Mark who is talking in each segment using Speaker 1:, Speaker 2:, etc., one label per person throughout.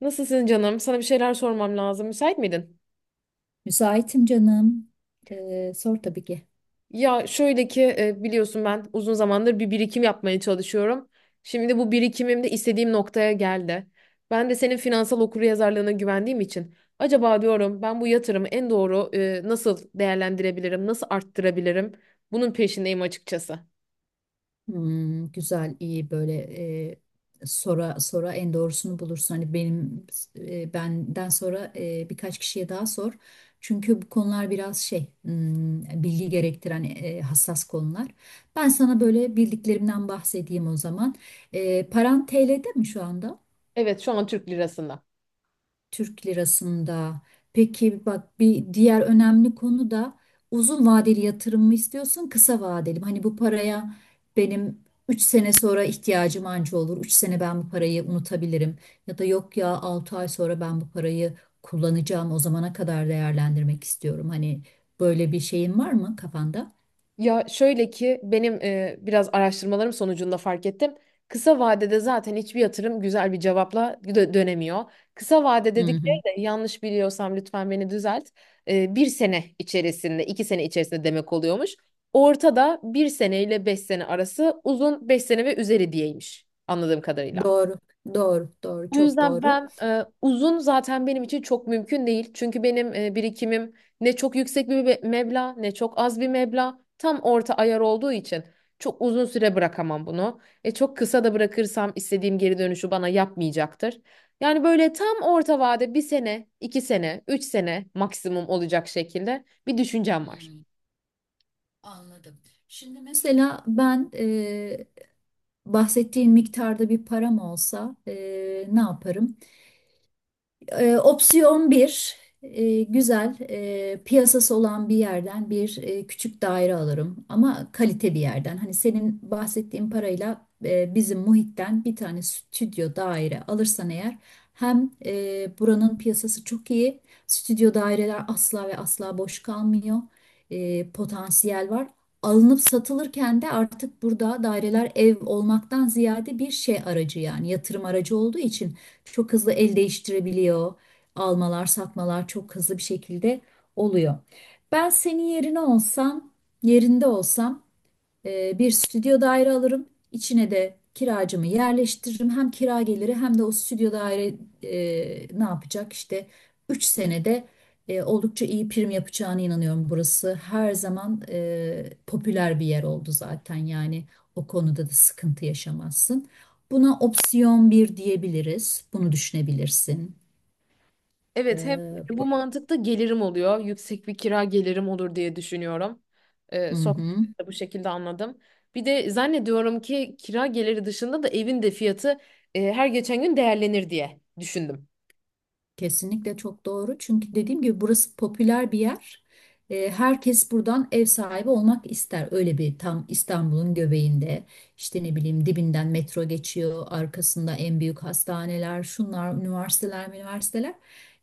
Speaker 1: Nasılsın canım? Sana bir şeyler sormam lazım. Müsait miydin?
Speaker 2: Müsaitim canım. Sor tabii ki.
Speaker 1: Ya şöyle ki biliyorsun ben uzun zamandır bir birikim yapmaya çalışıyorum. Şimdi bu birikimim de istediğim noktaya geldi. Ben de senin finansal okuryazarlığına güvendiğim için acaba diyorum ben bu yatırımı en doğru nasıl değerlendirebilirim, nasıl arttırabilirim? Bunun peşindeyim açıkçası.
Speaker 2: Hmm, güzel, iyi böyle sora sora en doğrusunu bulursun. Hani benden sonra birkaç kişiye daha sor. Çünkü bu konular biraz bilgi gerektiren hassas konular. Ben sana böyle bildiklerimden bahsedeyim o zaman. Paran TL'de mi şu anda?
Speaker 1: Evet, şu an Türk lirasında.
Speaker 2: Türk lirasında. Peki bak, bir diğer önemli konu da uzun vadeli yatırım mı istiyorsun, kısa vadeli mi? Hani bu paraya benim 3 sene sonra ihtiyacım anca olur. 3 sene ben bu parayı unutabilirim. Ya da yok ya, 6 ay sonra ben bu parayı kullanacağım, o zamana kadar değerlendirmek istiyorum. Hani böyle bir şeyin var mı kafanda?
Speaker 1: Ya şöyle ki benim biraz araştırmalarım sonucunda fark ettim. Kısa vadede zaten hiçbir yatırım güzel bir cevapla dönemiyor. Kısa vade
Speaker 2: Hı
Speaker 1: dedikleri
Speaker 2: hı.
Speaker 1: de yanlış biliyorsam lütfen beni düzelt. Bir sene içerisinde, iki sene içerisinde demek oluyormuş. Ortada bir sene ile beş sene arası uzun, beş sene ve üzeri diyeymiş anladığım kadarıyla.
Speaker 2: Doğru, doğru, doğru,
Speaker 1: O
Speaker 2: çok
Speaker 1: yüzden
Speaker 2: doğru.
Speaker 1: ben uzun zaten benim için çok mümkün değil. Çünkü benim birikimim ne çok yüksek bir meblağ ne çok az bir meblağ. Tam orta ayar olduğu için çok uzun süre bırakamam bunu. Çok kısa da bırakırsam istediğim geri dönüşü bana yapmayacaktır. Yani böyle tam orta vade, bir sene, iki sene, üç sene maksimum olacak şekilde bir düşüncem var.
Speaker 2: Hmm, anladım. Şimdi mesela ben bahsettiğin miktarda bir param olsa ne yaparım? Opsiyon bir, güzel piyasası olan bir yerden bir küçük daire alırım ama kalite bir yerden. Hani senin bahsettiğin parayla bizim muhitten bir tane stüdyo daire alırsan eğer, hem buranın piyasası çok iyi, stüdyo daireler asla ve asla boş kalmıyor. Potansiyel var. Alınıp satılırken de artık burada daireler ev olmaktan ziyade bir şey aracı, yani yatırım aracı olduğu için çok hızlı el değiştirebiliyor. Almalar, satmalar çok hızlı bir şekilde oluyor. Ben senin yerine olsam, yerinde olsam bir stüdyo daire alırım. İçine de kiracımı yerleştiririm. Hem kira geliri hem de o stüdyo daire ne yapacak? İşte 3 senede oldukça iyi prim yapacağına inanıyorum. Burası her zaman popüler bir yer oldu zaten. Yani o konuda da sıkıntı yaşamazsın. Buna opsiyon bir diyebiliriz. Bunu düşünebilirsin.
Speaker 1: Evet, hem
Speaker 2: Ee,
Speaker 1: bu
Speaker 2: bu-
Speaker 1: mantıkta gelirim oluyor. Yüksek bir kira gelirim olur diye düşünüyorum.
Speaker 2: Hı hı.
Speaker 1: Sohbetimde bu şekilde anladım. Bir de zannediyorum ki kira geliri dışında da evin de fiyatı her geçen gün değerlenir diye düşündüm.
Speaker 2: Kesinlikle çok doğru. Çünkü dediğim gibi burası popüler bir yer. Herkes buradan ev sahibi olmak ister. Öyle bir tam İstanbul'un göbeğinde, işte ne bileyim, dibinden metro geçiyor. Arkasında en büyük hastaneler, şunlar, üniversiteler, üniversiteler.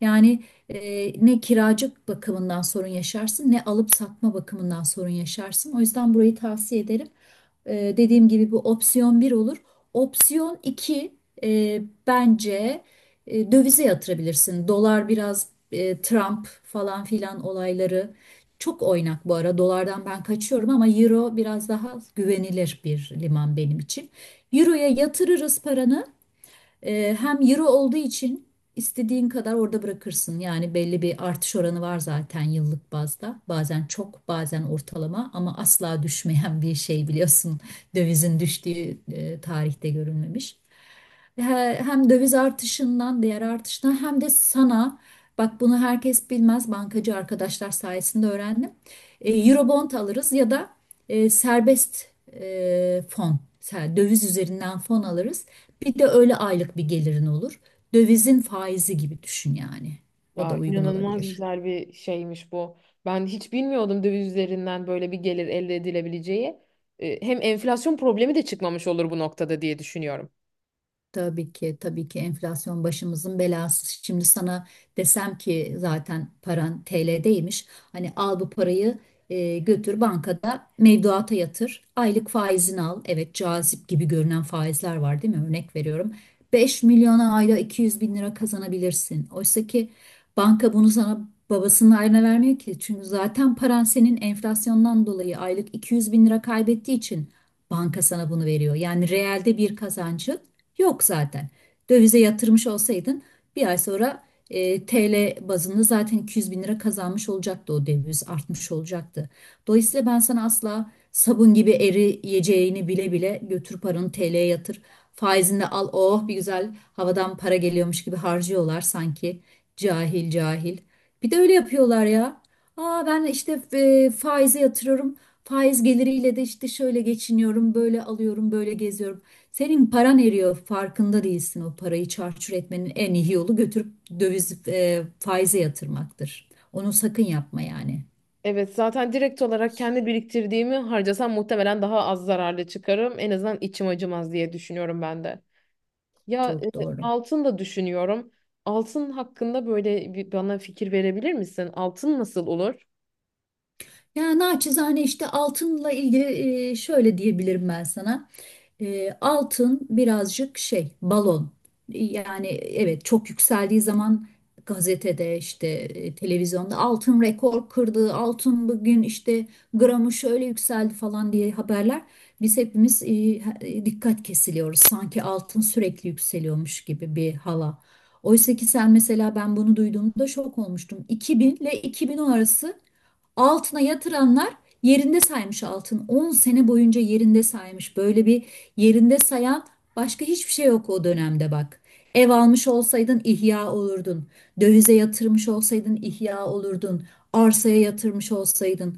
Speaker 2: Yani ne kiracı bakımından sorun yaşarsın ne alıp satma bakımından sorun yaşarsın. O yüzden burayı tavsiye ederim. Dediğim gibi bu opsiyon bir olur. Opsiyon iki, bence dövize yatırabilirsin. Dolar biraz Trump falan filan olayları çok oynak bu ara. Dolardan ben kaçıyorum ama euro biraz daha güvenilir bir liman benim için. Euro'ya yatırırız paranı. Hem euro olduğu için istediğin kadar orada bırakırsın. Yani belli bir artış oranı var zaten yıllık bazda. Bazen çok, bazen ortalama ama asla düşmeyen bir şey, biliyorsun. Dövizin düştüğü tarihte görülmemiş. Hem döviz artışından, diğer artıştan hem de sana. Bak, bunu herkes bilmez. Bankacı arkadaşlar sayesinde öğrendim. Eurobond alırız ya da serbest fon, döviz üzerinden fon alırız. Bir de öyle aylık bir gelirin olur. Dövizin faizi gibi düşün yani. O da
Speaker 1: Ya
Speaker 2: uygun
Speaker 1: inanılmaz
Speaker 2: olabilir.
Speaker 1: güzel bir şeymiş bu. Ben hiç bilmiyordum döviz üzerinden böyle bir gelir elde edilebileceği. Hem enflasyon problemi de çıkmamış olur bu noktada diye düşünüyorum.
Speaker 2: Tabii ki, tabii ki enflasyon başımızın belası. Şimdi sana desem ki zaten paran TL'deymiş, hani al bu parayı götür bankada mevduata yatır, aylık faizini al. Evet, cazip gibi görünen faizler var değil mi? Örnek veriyorum. 5 milyona ayda 200 bin lira kazanabilirsin. Oysa ki banka bunu sana babasının ayrına vermiyor ki. Çünkü zaten paran senin enflasyondan dolayı aylık 200 bin lira kaybettiği için banka sana bunu veriyor. Yani reelde bir kazancı yok zaten. Dövize yatırmış olsaydın bir ay sonra TL bazında zaten 200 bin lira kazanmış olacaktı, o döviz artmış olacaktı. Dolayısıyla ben sana asla, sabun gibi eriyeceğini bile bile götür paranı TL'ye yatır, faizini de al, oh, bir güzel havadan para geliyormuş gibi harcıyorlar sanki, cahil cahil. Bir de öyle yapıyorlar ya. Aa, ben işte faize yatırıyorum. Faiz geliriyle de işte şöyle geçiniyorum, böyle alıyorum, böyle geziyorum. Senin paran eriyor, farkında değilsin. O parayı çarçur etmenin en iyi yolu götürüp döviz faize yatırmaktır. Onu sakın yapma yani.
Speaker 1: Evet, zaten direkt olarak kendi biriktirdiğimi harcasam muhtemelen daha az zararlı çıkarım. En azından içim acımaz diye düşünüyorum ben de. Ya
Speaker 2: Çok doğru.
Speaker 1: altın da düşünüyorum. Altın hakkında böyle bir bana fikir verebilir misin? Altın nasıl olur?
Speaker 2: Ya, naçizane işte altınla ilgili şöyle diyebilirim ben sana. Altın birazcık şey, balon. Yani evet, çok yükseldiği zaman gazetede işte, televizyonda altın rekor kırdı, altın bugün işte gramı şöyle yükseldi falan diye haberler. Biz hepimiz dikkat kesiliyoruz. Sanki altın sürekli yükseliyormuş gibi bir hala. Oysa ki sen mesela, ben bunu duyduğumda şok olmuştum. 2000 ile 2010 arası altına yatıranlar yerinde saymış altın. 10 sene boyunca yerinde saymış. Böyle bir yerinde sayan başka hiçbir şey yok o dönemde, bak. Ev almış olsaydın ihya olurdun. Dövize yatırmış olsaydın ihya olurdun. Arsaya yatırmış olsaydın.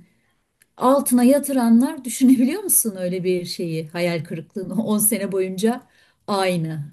Speaker 2: Altına yatıranlar düşünebiliyor musun öyle bir şeyi? Hayal kırıklığını, 10 sene boyunca aynı.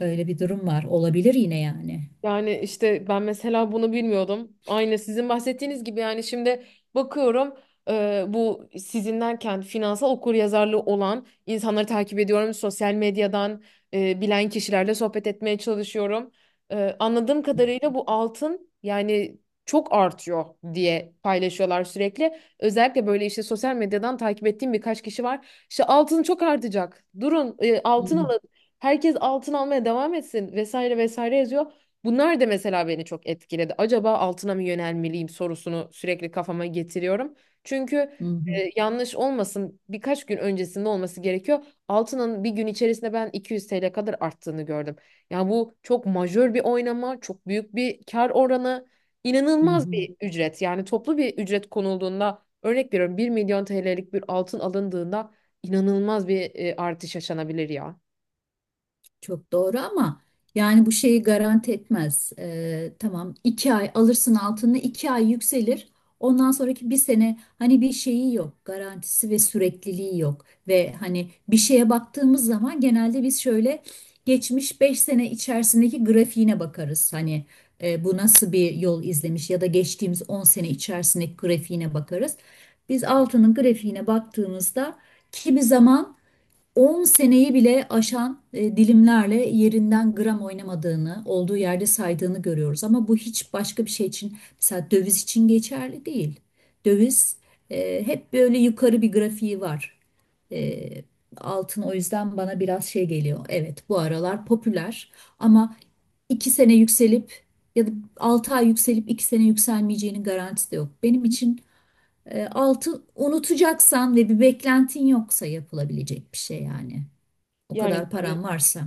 Speaker 2: Öyle bir durum var. Olabilir yine yani.
Speaker 1: Yani işte ben mesela bunu bilmiyordum. Aynı sizin bahsettiğiniz gibi, yani şimdi bakıyorum, bu sizin derken finansal okuryazarlığı olan insanları takip ediyorum. Sosyal medyadan bilen kişilerle sohbet etmeye çalışıyorum. Anladığım kadarıyla bu altın yani çok artıyor diye paylaşıyorlar sürekli. Özellikle böyle işte sosyal medyadan takip ettiğim birkaç kişi var. İşte altın çok artacak. Durun,
Speaker 2: Hı
Speaker 1: altın
Speaker 2: hı,
Speaker 1: alın. Herkes altın almaya devam etsin vesaire vesaire yazıyor. Bunlar da mesela beni çok etkiledi. Acaba altına mı yönelmeliyim sorusunu sürekli kafama getiriyorum. Çünkü
Speaker 2: hı hı,
Speaker 1: yanlış olmasın, birkaç gün öncesinde olması gerekiyor. Altının bir gün içerisinde ben 200 TL kadar arttığını gördüm. Yani bu çok majör bir oynama, çok büyük bir kar oranı,
Speaker 2: hı
Speaker 1: inanılmaz
Speaker 2: hı.
Speaker 1: bir ücret. Yani toplu bir ücret konulduğunda, örnek veriyorum, 1 milyon TL'lik bir altın alındığında İnanılmaz bir artış yaşanabilir ya.
Speaker 2: Çok doğru ama yani bu şeyi garanti etmez. Tamam, 2 ay alırsın altını, 2 ay yükselir. Ondan sonraki bir sene hani bir şeyi yok. Garantisi ve sürekliliği yok. Ve hani bir şeye baktığımız zaman genelde biz şöyle geçmiş 5 sene içerisindeki grafiğine bakarız. Hani bu nasıl bir yol izlemiş, ya da geçtiğimiz 10 sene içerisindeki grafiğine bakarız. Biz altının grafiğine baktığımızda kimi zaman 10 seneyi bile aşan dilimlerle yerinden gram oynamadığını, olduğu yerde saydığını görüyoruz. Ama bu hiç başka bir şey için, mesela döviz için geçerli değil. Döviz hep böyle yukarı bir grafiği var. E, Altın o yüzden bana biraz şey geliyor. Evet, bu aralar popüler ama 2 sene yükselip ya da 6 ay yükselip 2 sene yükselmeyeceğinin garantisi de yok. Benim için altın, unutacaksan ve bir beklentin yoksa yapılabilecek bir şey yani. O
Speaker 1: Yani
Speaker 2: kadar
Speaker 1: tabii
Speaker 2: paran varsa.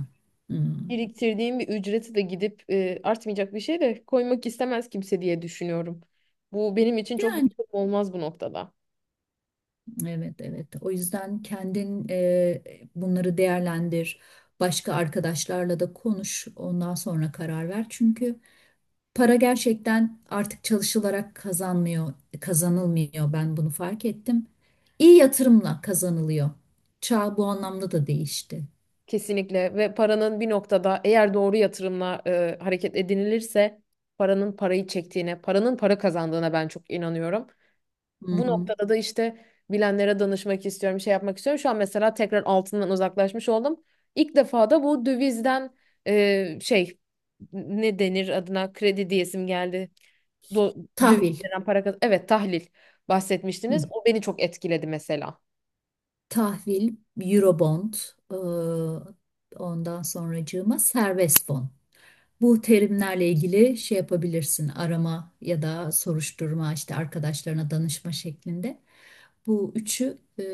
Speaker 2: Hmm.
Speaker 1: biriktirdiğim bir ücreti de gidip artmayacak bir şey de koymak istemez kimse diye düşünüyorum. Bu benim için çok
Speaker 2: Yani
Speaker 1: yatırım olmaz bu noktada.
Speaker 2: evet, evet. O yüzden kendin bunları değerlendir. Başka arkadaşlarla da konuş. Ondan sonra karar ver. Çünkü para gerçekten artık çalışılarak kazanmıyor, kazanılmıyor. Ben bunu fark ettim. İyi yatırımla kazanılıyor. Çağ bu anlamda da değişti.
Speaker 1: Kesinlikle, ve paranın bir noktada eğer doğru yatırımla hareket edinilirse paranın parayı çektiğine, paranın para kazandığına ben çok inanıyorum.
Speaker 2: Hı
Speaker 1: Bu
Speaker 2: hı.
Speaker 1: noktada da işte bilenlere danışmak istiyorum, şey yapmak istiyorum. Şu an mesela tekrar altından uzaklaşmış oldum. İlk defa da bu dövizden e, şey ne denir adına, kredi diyesim geldi. Do Döviz
Speaker 2: Tahvil.
Speaker 1: veren para Evet, tahlil
Speaker 2: Hı.
Speaker 1: bahsetmiştiniz. O beni çok etkiledi mesela.
Speaker 2: Tahvil, Eurobond, e, ondan sonracığıma serbest fon. Bu terimlerle ilgili şey yapabilirsin, arama ya da soruşturma, işte arkadaşlarına danışma şeklinde. Bu üçü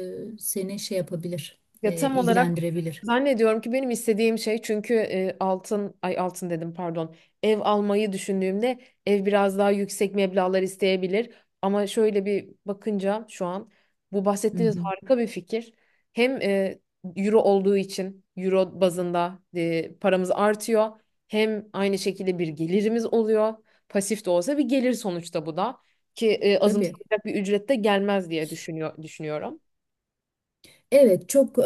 Speaker 2: seni şey yapabilir,
Speaker 1: Ya tam olarak
Speaker 2: ilgilendirebilir.
Speaker 1: zannediyorum ki benim istediğim şey, çünkü altın dedim, pardon, ev almayı düşündüğümde ev biraz daha yüksek meblağlar isteyebilir, ama şöyle bir bakınca şu an bu
Speaker 2: Hı
Speaker 1: bahsettiğiniz
Speaker 2: hı,
Speaker 1: harika bir fikir. Hem euro olduğu için euro bazında paramız artıyor, hem aynı şekilde bir gelirimiz oluyor, pasif de olsa bir gelir sonuçta, bu da ki
Speaker 2: tabii.
Speaker 1: azımsanacak bir ücrette gelmez diye düşünüyorum.
Speaker 2: Evet, çok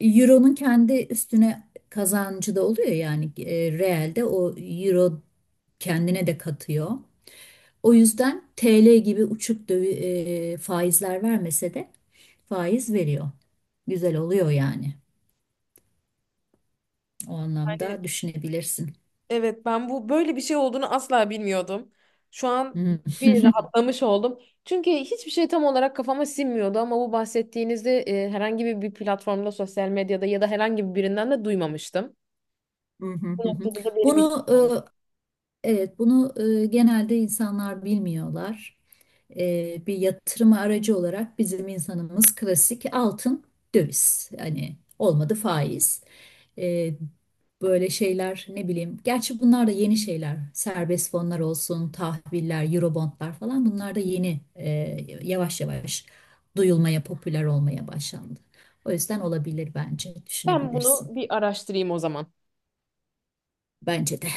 Speaker 2: Euro'nun kendi üstüne kazancı da oluyor yani, realde o Euro kendine de katıyor. O yüzden TL gibi uçuk faizler vermese de faiz veriyor. Güzel oluyor yani. O
Speaker 1: Yani
Speaker 2: anlamda düşünebilirsin.
Speaker 1: evet, ben bu böyle bir şey olduğunu asla bilmiyordum. Şu an bir rahatlamış oldum. Çünkü hiçbir şey tam olarak kafama sinmiyordu, ama bu bahsettiğinizde herhangi bir, bir platformda, sosyal medyada ya da herhangi birinden de duymamıştım. Bu noktada da benim için
Speaker 2: Bunu
Speaker 1: oldu.
Speaker 2: Evet, bunu genelde insanlar bilmiyorlar. Bir yatırım aracı olarak bizim insanımız klasik altın, döviz. Hani olmadı faiz. E, Böyle şeyler, ne bileyim. Gerçi bunlar da yeni şeyler. Serbest fonlar olsun, tahviller, eurobondlar falan, bunlar da yeni yavaş yavaş duyulmaya, popüler olmaya başlandı. O yüzden olabilir bence,
Speaker 1: Ben bunu
Speaker 2: düşünebilirsin.
Speaker 1: bir araştırayım o zaman.
Speaker 2: Bence de.